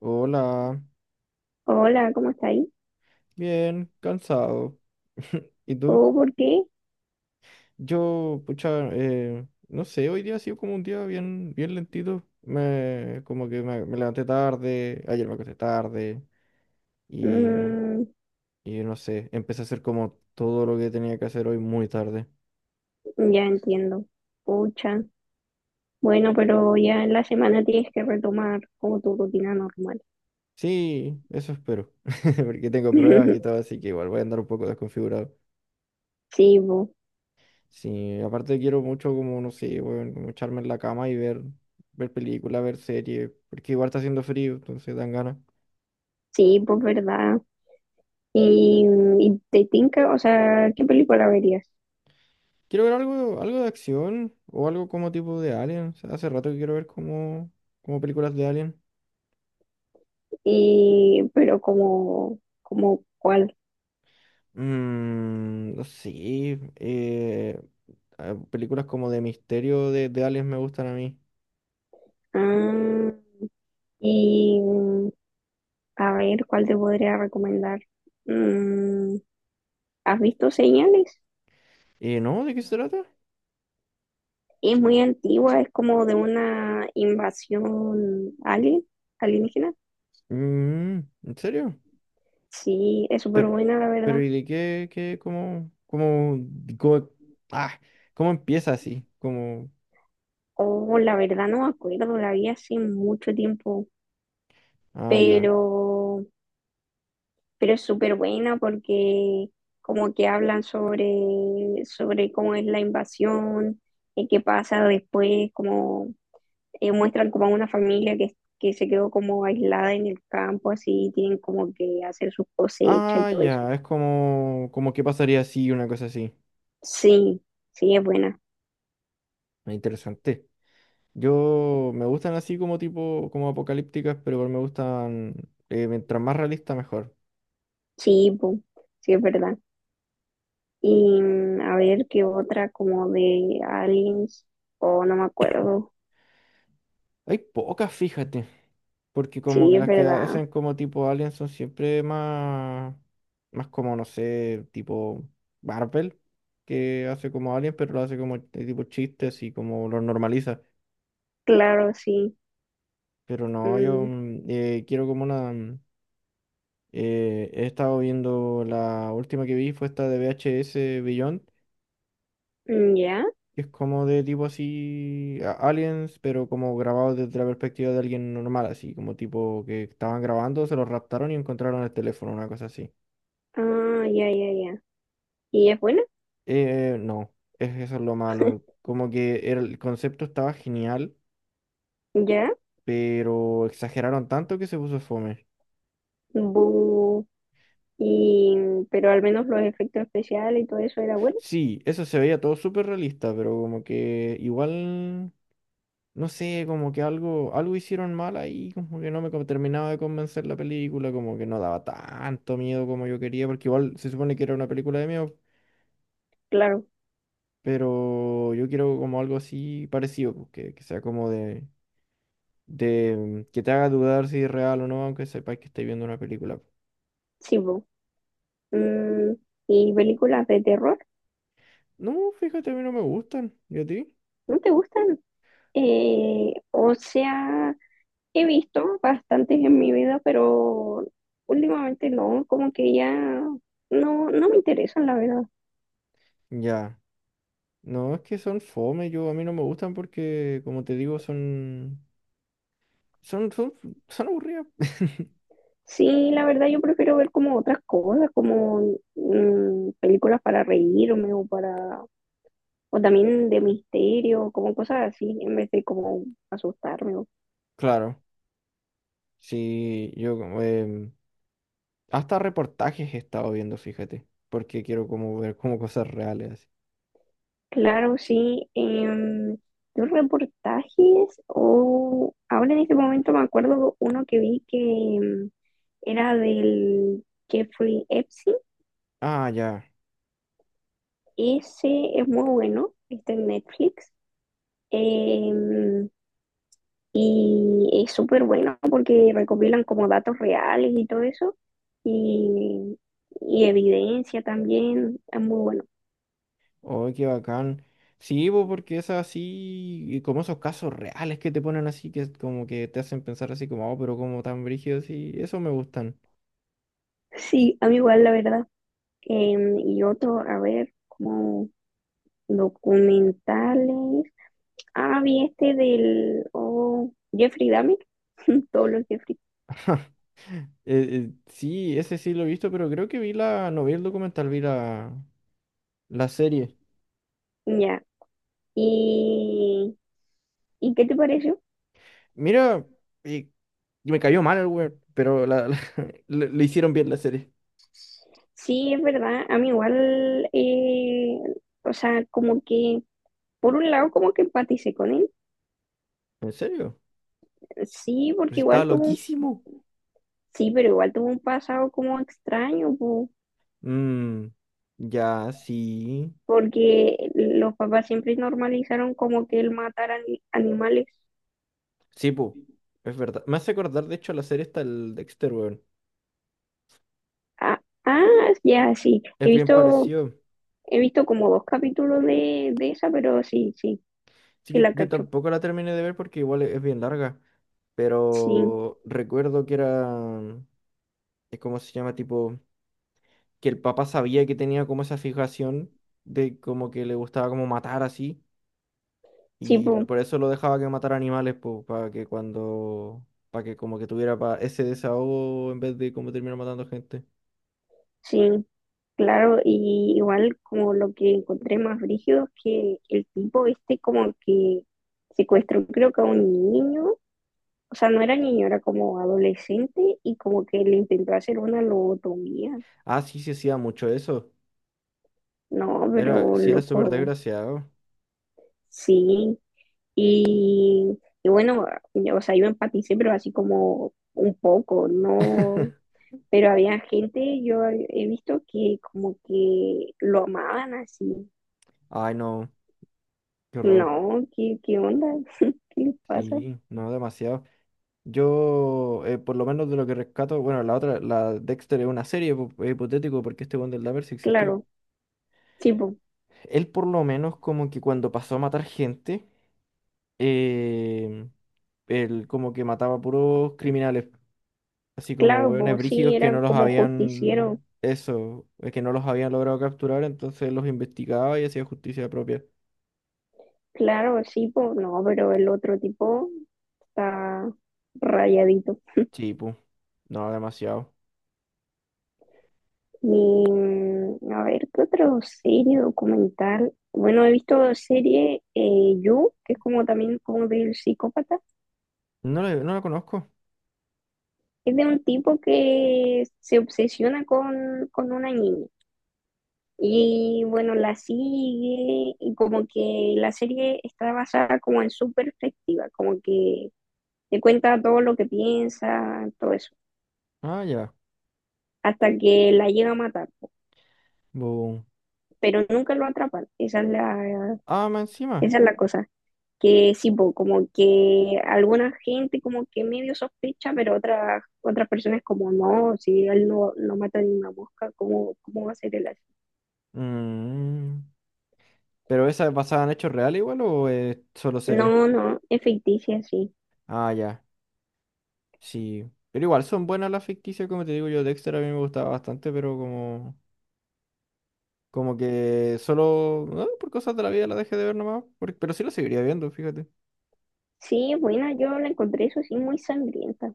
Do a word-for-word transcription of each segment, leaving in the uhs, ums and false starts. Hola, Hola, ¿cómo está ahí? bien, cansado. ¿Y tú? ¿O por qué? Yo, pucha, eh, no sé, hoy día ha sido como un día bien, bien lentito. Me, como que me, me levanté tarde, ayer me acosté tarde y, Mm, y no sé, empecé a hacer como todo lo que tenía que hacer hoy muy tarde. ya entiendo. Pucha. Bueno, pero ya en la semana tienes que retomar como tu rutina normal. Sí, eso espero, porque tengo pruebas y todo, así que igual voy a andar un poco desconfigurado. Sí, pues, Sí, aparte quiero mucho como, no sé, weón, como echarme en la cama y ver, ver películas, ver series, porque igual está haciendo frío, entonces dan ganas. sí, pues verdad. Y, y te tinca, o sea, ¿qué película verías? Quiero ver algo, algo de acción o algo como tipo de Alien. O sea, hace rato que quiero ver como, como películas de Alien. Y, pero como, como cuál. Mm, no sé, eh, ah, películas como de misterio de, de aliens me gustan a mí. Ah, y a ver, ¿cuál te podría recomendar? Mm, ¿has visto señales? Eh, ¿no? ¿De qué se trata? Es muy antigua, es como de una invasión alien, alienígena. Mm, ¿en serio? Sí, es súper Pero, buena, la pero verdad. ¿y de qué, qué, cómo, cómo, cómo- ah, ¿cómo empieza así? Como, Oh, la verdad no me acuerdo, la vi hace mucho tiempo, ah, ya. pero, pero es súper buena porque como que hablan sobre, sobre cómo es la invasión, y qué pasa después, como eh, muestran como a una familia que, que se quedó como aislada en el campo, así tienen como que hacer sus cosechas y Ah, todo eso. ya, es como, como qué pasaría así, una cosa así. Sí, sí, es buena. Ah, interesante. Yo, me gustan así como tipo, como apocalípticas, pero igual me gustan, eh, mientras más realista, mejor. Sí, bu, sí, es verdad. Y mm, a ver qué otra, como de aliens, o no me acuerdo. Hay pocas, fíjate. Porque como que Sí, es las que verdad. hacen como tipo Alien son siempre más, más como, no sé, tipo Marvel, que hace como Alien, pero lo hace como de tipo chistes y como lo normaliza. Claro, sí. Pero no, yo Mm. mm, eh, quiero como una... mm, eh, he estado viendo la última que vi fue esta de V H S Beyond, Mm, ya. que es como de tipo así, a- aliens, pero como grabado desde la perspectiva de alguien normal, así como tipo que estaban grabando, se los raptaron y encontraron el teléfono, una cosa así. Ah, ya, ya, ya. Y es buena, Eh, no, es, eso es lo malo. Como que era- el concepto estaba genial, ya. pero exageraron tanto que se puso fome. Bu. Y, mm, pero al menos los efectos especiales y todo eso era bueno. Sí, eso se veía todo súper realista, pero como que igual no sé, como que algo, algo hicieron mal ahí, como que no me co- terminaba de convencer la película, como que no daba tanto miedo como yo quería, porque igual se supone que era una película de miedo, Claro, pero yo quiero como algo así parecido, pues, que, que sea como de, de mm, que te haga dudar si es real o no, aunque sepas que estés viendo una película. sí, bu. Mm, y películas de terror, No, fíjate, a mí no me gustan, ¿y a ti? ¿no te gustan? Eh, o sea, he visto bastantes en mi vida, pero últimamente no, como que ya no, no me interesan, la verdad. Ya, no, es que son fome, yo a mí no me gustan porque, como te digo, son, son, son, son aburridas. Sí, la verdad yo prefiero ver como otras cosas, como mm, películas para reírme o para, o también de misterio, como cosas así, en vez de como asustarme. O Claro. Sí, yo como, em, hasta reportajes he estado viendo, fíjate, porque quiero como ver como cosas reales así. claro, sí, em, los reportajes, o ahora en este momento me acuerdo uno que vi que em, era del Jeffrey Epstein. Ah, ya. Ese es muy bueno, está en Netflix. em, y es súper bueno porque recopilan como datos reales y todo eso. Y, y evidencia también. Es muy bueno. Oh, qué bacán. Sí, bo, porque es así, y como esos casos reales que te ponen así, que es como que te hacen pensar así como, oh, pero como tan brígidos y eso me gustan. Sí, a mí igual, la verdad. Em, y otro, a ver, como documentales. Ah, vi este del oh, Jeffrey Dahmer. Todos los Jeffrey. Eh, eh, sí, ese sí lo he visto, pero creo que vi la, no vi el documental, vi la, la serie. Ya. Y, ¿y qué te pareció? Mira, y me cayó mal el weón, pero la, la- le le hicieron bien la serie. Sí, es verdad. A mí igual, eh, o sea, como que, por un lado, como que empaticé con él. ¿En serio? Sí, Pero si porque estaba igual tuvo un, loquísimo. sí, pero igual tuvo un pasado como extraño, po, Mm, ya, sí. porque los papás siempre normalizaron como que él matara ani- animales. Sí, pu. Es verdad. Me hace acordar, de hecho, la serie está el Dexter, weón. Ah, ah, ya, sí. He Es bien visto, parecido. he visto como dos capítulos de, de esa, pero sí, sí, Sí, sí yo, la yo cacho. tampoco la terminé de ver porque igual es, es bien larga. Sí, Pero recuerdo que era. eh, ¿Cómo se llama? Tipo. Que el papá sabía que tenía como esa fijación de como que le gustaba como matar así. sí, Y lo- po. por eso lo dejaba que matara animales, pues, para que cuando. Para que como que tuviera pa- ese desahogo en vez de como terminar matando gente. Sí, claro, y igual como lo que encontré más brígido es que el tipo este como que secuestró creo que a un niño, o sea, no era niño, era como adolescente y como que le intentó hacer una lobotomía. Ah, sí, sí hacía mucho eso. No, Era, pero sí era súper loco, desgraciado. sí. Y, y bueno, yo, o sea, yo empaticé, pero así como un poco, no. Pero había gente, yo he visto que como que lo amaban así. Ay, no, qué horror. No, ¿qué, qué onda? ¿Qué le pasa? Sí, no, demasiado. Yo, eh, por lo menos de lo que rescato, bueno, la otra, la Dexter es una serie po- eh, hipotético porque este weón del Dahmer sí existió. Claro, sí, po, Él por lo menos como que cuando pasó a matar gente, eh, él como que mataba puros criminales, así como claro, hueones pues sí, brígidos que era no los como justiciero. habían, eso, eh, que no los habían logrado capturar, entonces los investigaba y hacía justicia propia. Claro, sí, pues no, pero el otro tipo está rayadito. Sí, pu. No, demasiado. Y, mm, a ver, ¿qué otro serie documental? Bueno, he visto serie eh, You, que es como también como del psicópata. No lo, no lo conozco. Es de un tipo que se obsesiona con, con una niña. Y bueno, la sigue y como que la serie está basada como en su perspectiva, como que te cuenta todo lo que piensa, todo eso, Ah, ya. hasta que la llega a matar, po. Boom. Pero nunca lo atrapan, esa es la, Ah, más encima. esa es la cosa, que sí, po, como que alguna gente como que medio sospecha, pero otras otras personas como no, si él no, no mata ni una mosca, ¿cómo, cómo va a ser el así? Mm. ¿Pero esa es basada en hechos reales igual o es solo serie? No, no, es ficticia, sí. Ah, ya. Sí. Pero igual son buenas las ficticias, como te digo yo. Dexter a mí me gustaba bastante, pero como... Como que solo... ah, por cosas de la vida la dejé de ver nomás. por- Pero sí la seguiría viendo, fíjate. Sí, bueno, yo la encontré eso sí muy sangrienta.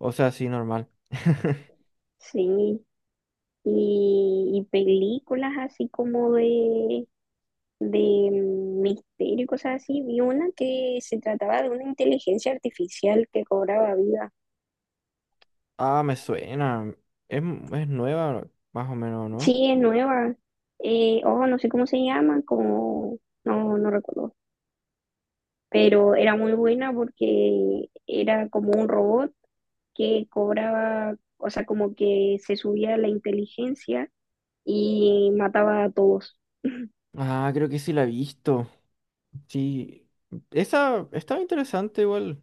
O sea, sí, normal. Sí, y, y películas así como de, de misterio y cosas así. Vi una que se trataba de una inteligencia artificial que cobraba vida. Ah, me suena. Es, es nueva, más o menos, ¿no? Sí, es nueva. Eh, oh, no sé cómo se llama, como, no, no recuerdo. Pero era muy buena porque era como un robot que cobraba, o sea, como que se subía la inteligencia y mataba a todos. Ah, creo que sí la he visto. Sí, esa estaba interesante igual,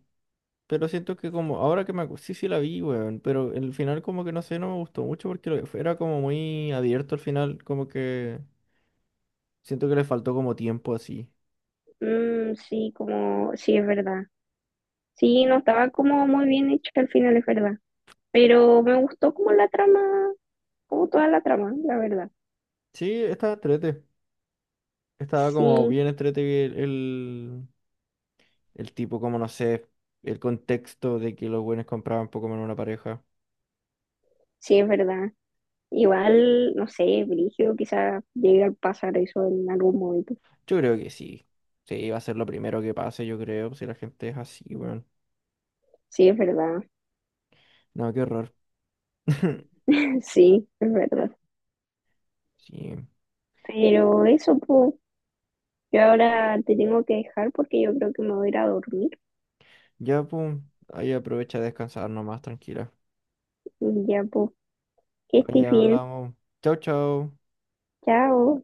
pero siento que como ahora que me acu- sí sí la vi, weón, pero el final como que no sé, no me gustó mucho porque lo- era como muy abierto al final, como que siento que le faltó como tiempo así. Mm, sí, como, sí, es verdad. Sí, no estaba como muy bien hecho al final, es verdad. Pero me gustó como la trama, como toda la trama, la verdad. Sí, estaba entrete, estaba como Sí, bien entrete el, el, el tipo, como no sé, el contexto de que los buenos compraban Pokémon en una pareja. sí, es verdad. Igual, no sé, Brigio quizás llegue a pasar eso en algún momento. Yo creo que sí, sí, va a ser lo primero que pase, yo creo, si la gente es así, weón. Sí, es verdad. No, qué horror. Sí, es verdad. Sí. Pero eso, pues, yo ahora te tengo que dejar porque yo creo que me voy a ir a dormir. Ya, pum. Ahí aprovecha a descansar nomás, tranquila. Y ya, pues, que este Ahí bien. hablamos. Chau, chau. Chao.